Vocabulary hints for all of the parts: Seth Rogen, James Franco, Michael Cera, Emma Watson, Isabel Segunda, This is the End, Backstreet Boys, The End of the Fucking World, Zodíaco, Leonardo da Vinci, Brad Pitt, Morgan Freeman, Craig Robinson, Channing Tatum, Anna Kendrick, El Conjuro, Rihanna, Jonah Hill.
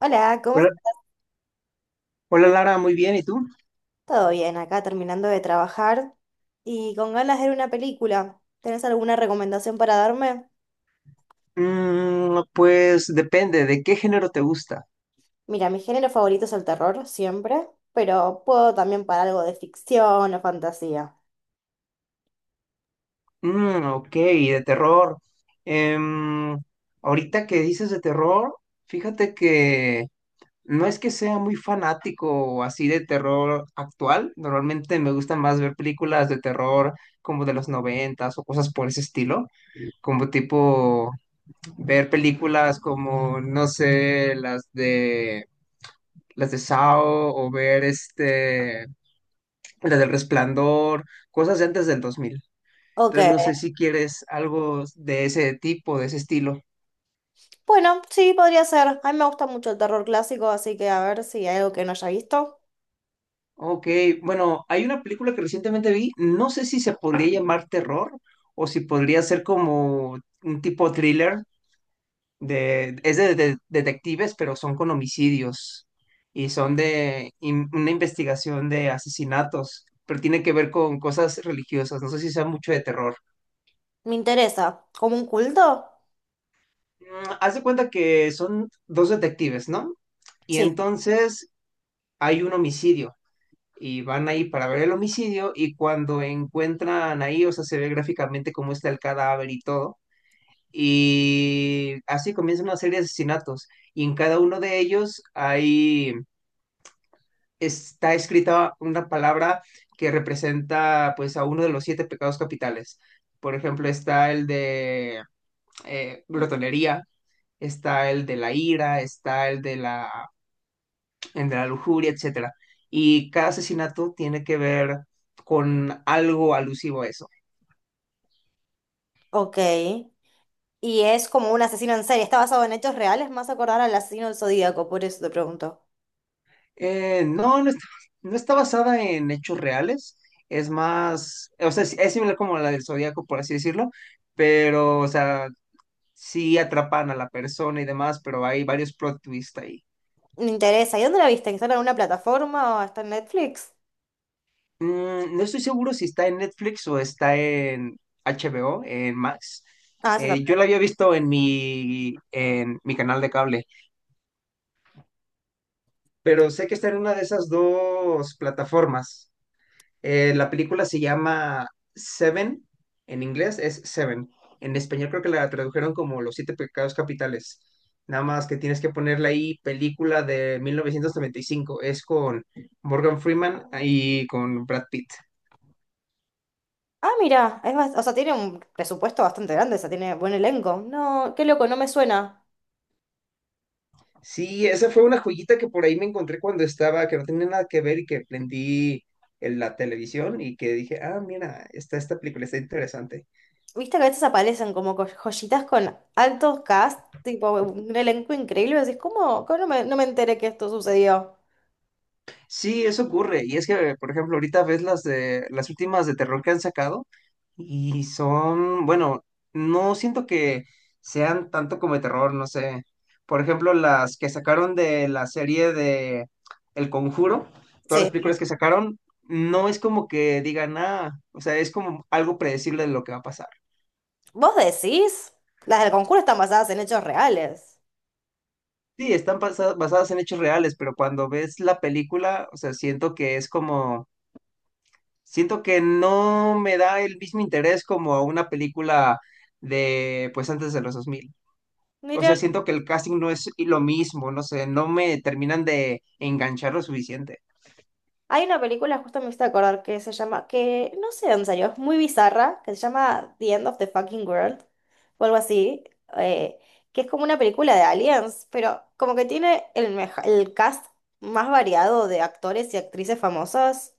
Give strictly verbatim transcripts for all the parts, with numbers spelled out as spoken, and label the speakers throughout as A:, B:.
A: Hola, ¿cómo
B: Hola,
A: estás?
B: hola, Lara, muy bien, ¿y tú?
A: ¿Todo bien? Acá terminando de trabajar y con ganas de ver una película. ¿Tenés alguna recomendación para darme?
B: Mm, pues depende, ¿de qué género te gusta?
A: Mira, mi género favorito es el terror, siempre, pero puedo también para algo de ficción o fantasía.
B: Mm, ok, de terror. Em, Ahorita que dices de terror, fíjate que no es que sea muy fanático o así de terror actual. Normalmente me gusta más ver películas de terror como de los noventas o cosas por ese estilo, como tipo ver películas como, no sé, las de las de Saw o ver este la del Resplandor, cosas de antes del dos mil.
A: Ok,
B: Entonces, no sé si quieres algo de ese tipo, de ese estilo.
A: bueno, sí, podría ser. A mí me gusta mucho el terror clásico, así que a ver si hay algo que no haya visto.
B: Ok, bueno, hay una película que recientemente vi, no sé si se podría llamar terror o si podría ser como un tipo thriller, de, es de, de- detectives, pero son con homicidios y son de in- una investigación de asesinatos, pero tiene que ver con cosas religiosas, no sé si sea mucho de terror.
A: Me interesa. ¿Como un culto?
B: Mm, haz de cuenta que son dos detectives, ¿no? Y
A: Sí,
B: entonces hay un homicidio y van ahí para ver el homicidio y cuando encuentran ahí, o sea, se ve gráficamente cómo está el cadáver y todo. Y así comienza una serie de asesinatos y en cada uno de ellos hay, está escrita una palabra que representa pues a uno de los siete pecados capitales. Por ejemplo, está el de eh, glotonería, está el de la ira, está el de la entre la lujuria, etcétera. Y cada asesinato tiene que ver con algo alusivo a eso.
A: ok. Y es como un asesino en serie. ¿Está basado en hechos reales? Más acordar al asesino del Zodíaco, por eso te pregunto.
B: Eh, no, no está, no está basada en hechos reales, es más, o sea, es es similar como la del Zodíaco, por así decirlo, pero, o sea, sí atrapan a la persona y demás, pero hay varios plot twists ahí.
A: Me interesa. ¿Y dónde la viste? ¿Que está en alguna plataforma o está en Netflix?
B: Mm, no estoy seguro si está en Netflix o está en H B O, en Max.
A: Ah, esa
B: Eh,
A: está.
B: yo la había visto en mi, en mi canal de cable, pero sé que está en una de esas dos plataformas. Eh, la película se llama Seven, en inglés es Seven. En español creo que la tradujeron como Los Siete Pecados Capitales. Nada más que tienes que ponerle ahí película de mil novecientos noventa y cinco. Es con Morgan Freeman y con Brad Pitt.
A: Ah, mira, es bas- o sea, tiene un presupuesto bastante grande, o sea, tiene buen elenco. No, qué loco, no me suena.
B: Sí, esa fue una joyita que por ahí me encontré cuando estaba, que no tenía nada que ver y que prendí en la televisión y que dije, ah, mira, está esta película, está interesante.
A: Viste que a veces aparecen como co- joyitas con altos cast, tipo un elenco increíble, y decís, ¿cómo? ¿Cómo no me, no me enteré que esto sucedió?
B: Sí, eso ocurre. Y es que, por ejemplo, ahorita ves las de las últimas de terror que han sacado y son, bueno, no siento que sean tanto como de terror, no sé. Por ejemplo, las que sacaron de la serie de El Conjuro, todas
A: Sí.
B: las películas que sacaron, no es como que digan nada, o sea, es como algo predecible de lo que va a pasar.
A: ¿Vos decís? Las del concurso están basadas en hechos reales.
B: Sí, están basa- basadas en hechos reales, pero cuando ves la película, o sea, siento que es como, siento que no me da el mismo interés como a una película de, pues antes de los dos mil. O sea, siento que el casting no es lo mismo, no sé, no me terminan de enganchar lo suficiente.
A: Hay una película, justo me hice acordar, que se llama, que no sé dónde salió, es muy bizarra, que se llama The End of the Fucking World, o algo así, eh, que es como una película de aliens, pero como que tiene el, meja- el cast más variado de actores y actrices famosas,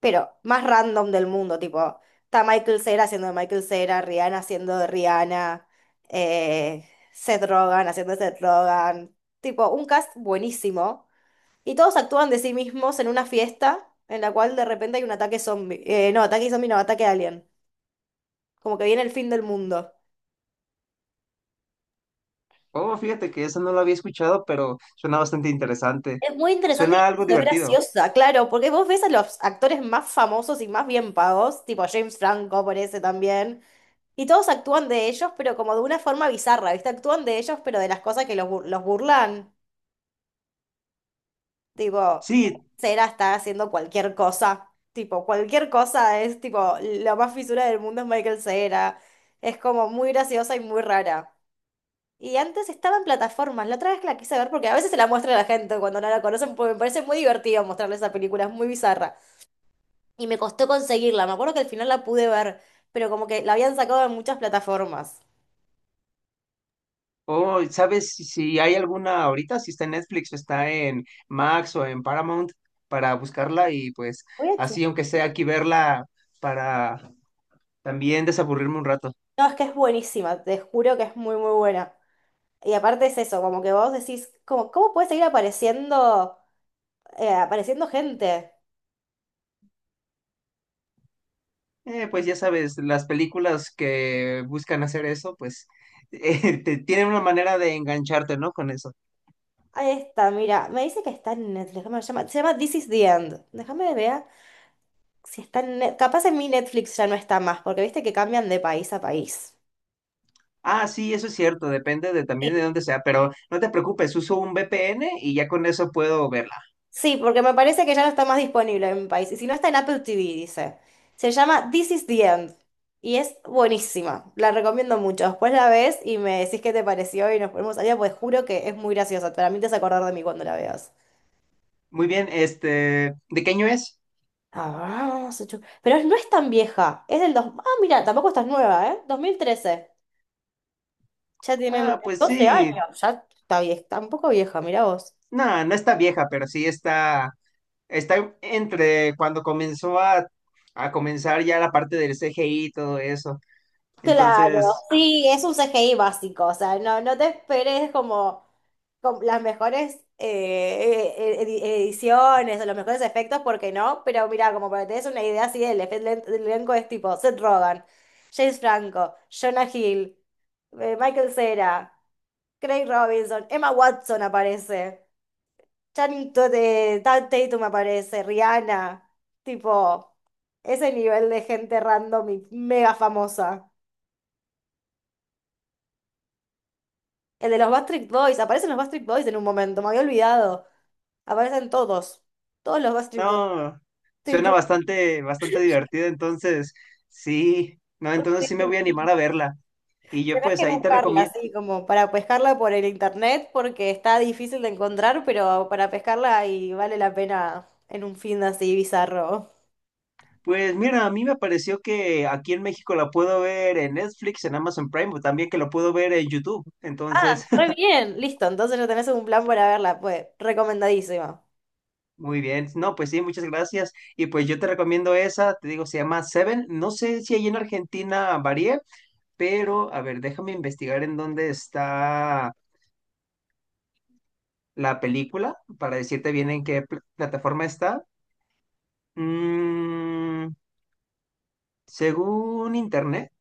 A: pero más random del mundo, tipo, está Michael Cera haciendo de Michael Cera, Rihanna haciendo de Rihanna, eh, Seth Rogen haciendo de Seth Rogen, tipo, un cast buenísimo y todos actúan de sí mismos en una fiesta en la cual de repente hay un ataque zombie. Eh, no, ataque zombie, no, ataque alien. Como que viene el fin del mundo.
B: Oh, fíjate que eso no lo había escuchado, pero suena bastante interesante.
A: Es muy interesante
B: Suena algo
A: y es
B: divertido.
A: graciosa, claro, porque vos ves a los actores más famosos y más bien pagos, tipo James Franco por ese también, y todos actúan de ellos, pero como de una forma bizarra, ¿viste? Actúan de ellos, pero de las cosas que los, bur- los burlan. Tipo,
B: Sí,
A: Cera está haciendo cualquier cosa. Tipo, cualquier cosa es tipo, la más fisura del mundo es Michael Cera. Es como muy graciosa y muy rara. Y antes estaba en plataformas. La otra vez que la quise ver, porque a veces se la muestra a la gente cuando no la conocen, porque me parece muy divertido mostrarle esa película, es muy bizarra. Y me costó conseguirla. Me acuerdo que al final la pude ver, pero como que la habían sacado en muchas plataformas.
B: oh, ¿sabes si si hay alguna ahorita? Si está en Netflix o está en Max o en Paramount para buscarla y pues
A: Voy a chu-
B: así, aunque sea aquí verla para también desaburrirme un rato.
A: No, es que es buenísima, te juro que es muy, muy buena. Y aparte es eso, como que vos decís, como, ¿cómo puede seguir apareciendo? eh, apareciendo gente.
B: Eh, pues ya sabes, las películas que buscan hacer eso, pues eh, te- tienen una manera de engancharte, ¿no? Con eso.
A: Ahí está, mira, me dice que está en Netflix, ¿cómo se llama? Se llama This is the End. Déjame ver si está en Net- Capaz en mi Netflix ya no está más, porque viste que cambian de país a país.
B: Ah, sí, eso es cierto, depende de
A: Sí.
B: también de dónde sea, pero no te preocupes, uso un V P N y ya con eso puedo verla.
A: Sí, porque me parece que ya no está más disponible en mi país. Y si no está en Apple T V, dice. Se llama This is the End. Y es buenísima. La recomiendo mucho. Después la ves y me decís qué te pareció y nos ponemos allá, pues juro que es muy graciosa. Para mí te vas a acordar de mí cuando la veas.
B: Muy bien, este, ¿de qué año es?
A: Ah, se chu- Pero no es tan vieja, es del dos... Ah, mira, tampoco estás nueva, ¿eh? Dos mil trece. Ya tiene
B: Ah,
A: mira,
B: pues
A: doce
B: sí.
A: años, ya está vieja, tampoco vieja, mira vos.
B: No, no está vieja, pero sí está, está entre cuando comenzó a, a comenzar ya la parte del C G I y todo eso.
A: Claro,
B: Entonces,
A: sí, es un C G I básico, o sea, no, no te esperes como, como las mejores eh, eh, edi- ediciones o los mejores efectos, porque no, pero mira, como para que te des una idea así, el efe- el elenco es tipo Seth Rogen, James Franco, Jonah Hill, eh, Michael Cera. Craig Robinson, Emma Watson aparece, Channing Tatum Tatum aparece, Rihanna, tipo, ese nivel de gente random y mega famosa. El de los Backstreet Boys, aparecen los Backstreet Boys en un momento, me había olvidado. Aparecen todos, todos los Backstreet Boys.
B: no, suena
A: Tipo,
B: bastante, bastante divertido. Entonces, sí, no, entonces sí me voy a animar a verla. Y yo
A: Tenés
B: pues
A: que
B: ahí te
A: buscarla,
B: recomiendo.
A: así como para pescarla por el internet, porque está difícil de encontrar, pero para pescarla y vale la pena en un fin de así bizarro.
B: Pues mira, a mí me pareció que aquí en México la puedo ver en Netflix, en Amazon Prime, o también que lo puedo ver en YouTube.
A: Ah,
B: Entonces,
A: re bien, listo. Entonces ya tenés un plan para verla, pues, recomendadísimo.
B: muy bien, no, pues sí, muchas gracias. Y pues yo te recomiendo esa, te digo, se llama Seven. No sé si ahí en Argentina varía, pero a ver, déjame investigar en dónde está la película para decirte bien en qué pl- plataforma está. Mm, según internet,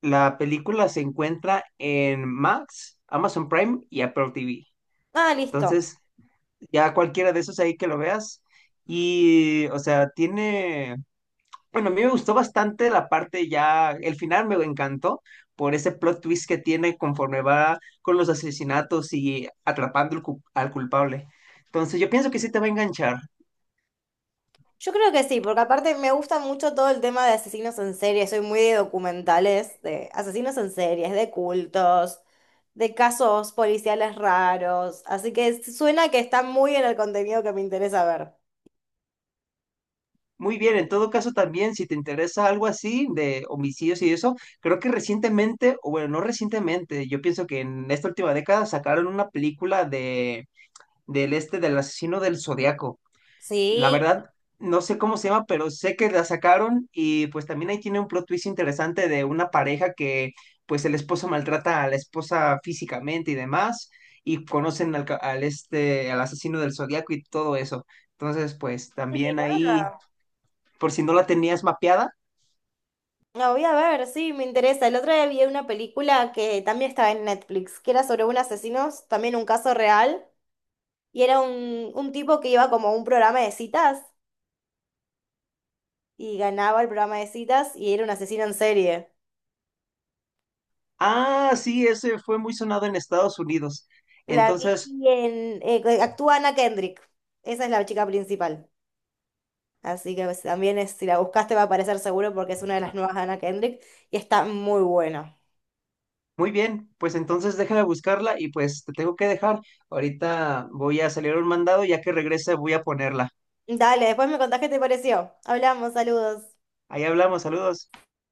B: la película se encuentra en Max, Amazon Prime y Apple T V.
A: Ah, listo.
B: Entonces, ya cualquiera de esos ahí que lo veas. Y, o sea, tiene, bueno, a mí me gustó bastante la parte ya, el final me encantó por ese plot twist que tiene conforme va con los asesinatos y atrapando al cu- al culpable. Entonces yo pienso que sí te va a enganchar.
A: Yo creo que sí, porque aparte me gusta mucho todo el tema de asesinos en serie. Soy muy de documentales, de asesinos en series, de cultos, de casos policiales raros. Así que suena que está muy en el contenido que me interesa ver.
B: Muy bien, en todo caso también, si te interesa algo así de homicidios y eso, creo que recientemente, o bueno, no recientemente, yo pienso que en esta última década sacaron una película de del este del asesino del Zodiaco. La
A: Sí,
B: verdad, no sé cómo se llama, pero sé que la sacaron y pues también ahí tiene un plot twist interesante de una pareja que pues el esposo maltrata a la esposa físicamente y demás y conocen al, ca- al este, al asesino del zodiaco y todo eso. Entonces, pues también ahí,
A: mirá.
B: por si no la tenías mapeada.
A: La voy a ver, sí, me interesa. El otro día vi una película que también estaba en Netflix, que era sobre un asesino, también un caso real. Y era un, un tipo que iba como a un programa de citas y ganaba el programa de citas y era un asesino en serie.
B: Ah, sí, ese fue muy sonado en Estados Unidos.
A: La vi
B: Entonces,
A: en, eh, que actúa Anna Kendrick. Esa es la chica principal. Así que pues, también es, si la buscaste va a aparecer seguro porque es una de las nuevas de Anna Kendrick y está muy buena.
B: muy bien, pues entonces deja de buscarla y pues te tengo que dejar. Ahorita voy a salir a un mandado, ya que regrese voy a ponerla.
A: Dale, después me contás qué te pareció. Hablamos, saludos.
B: Ahí hablamos, saludos.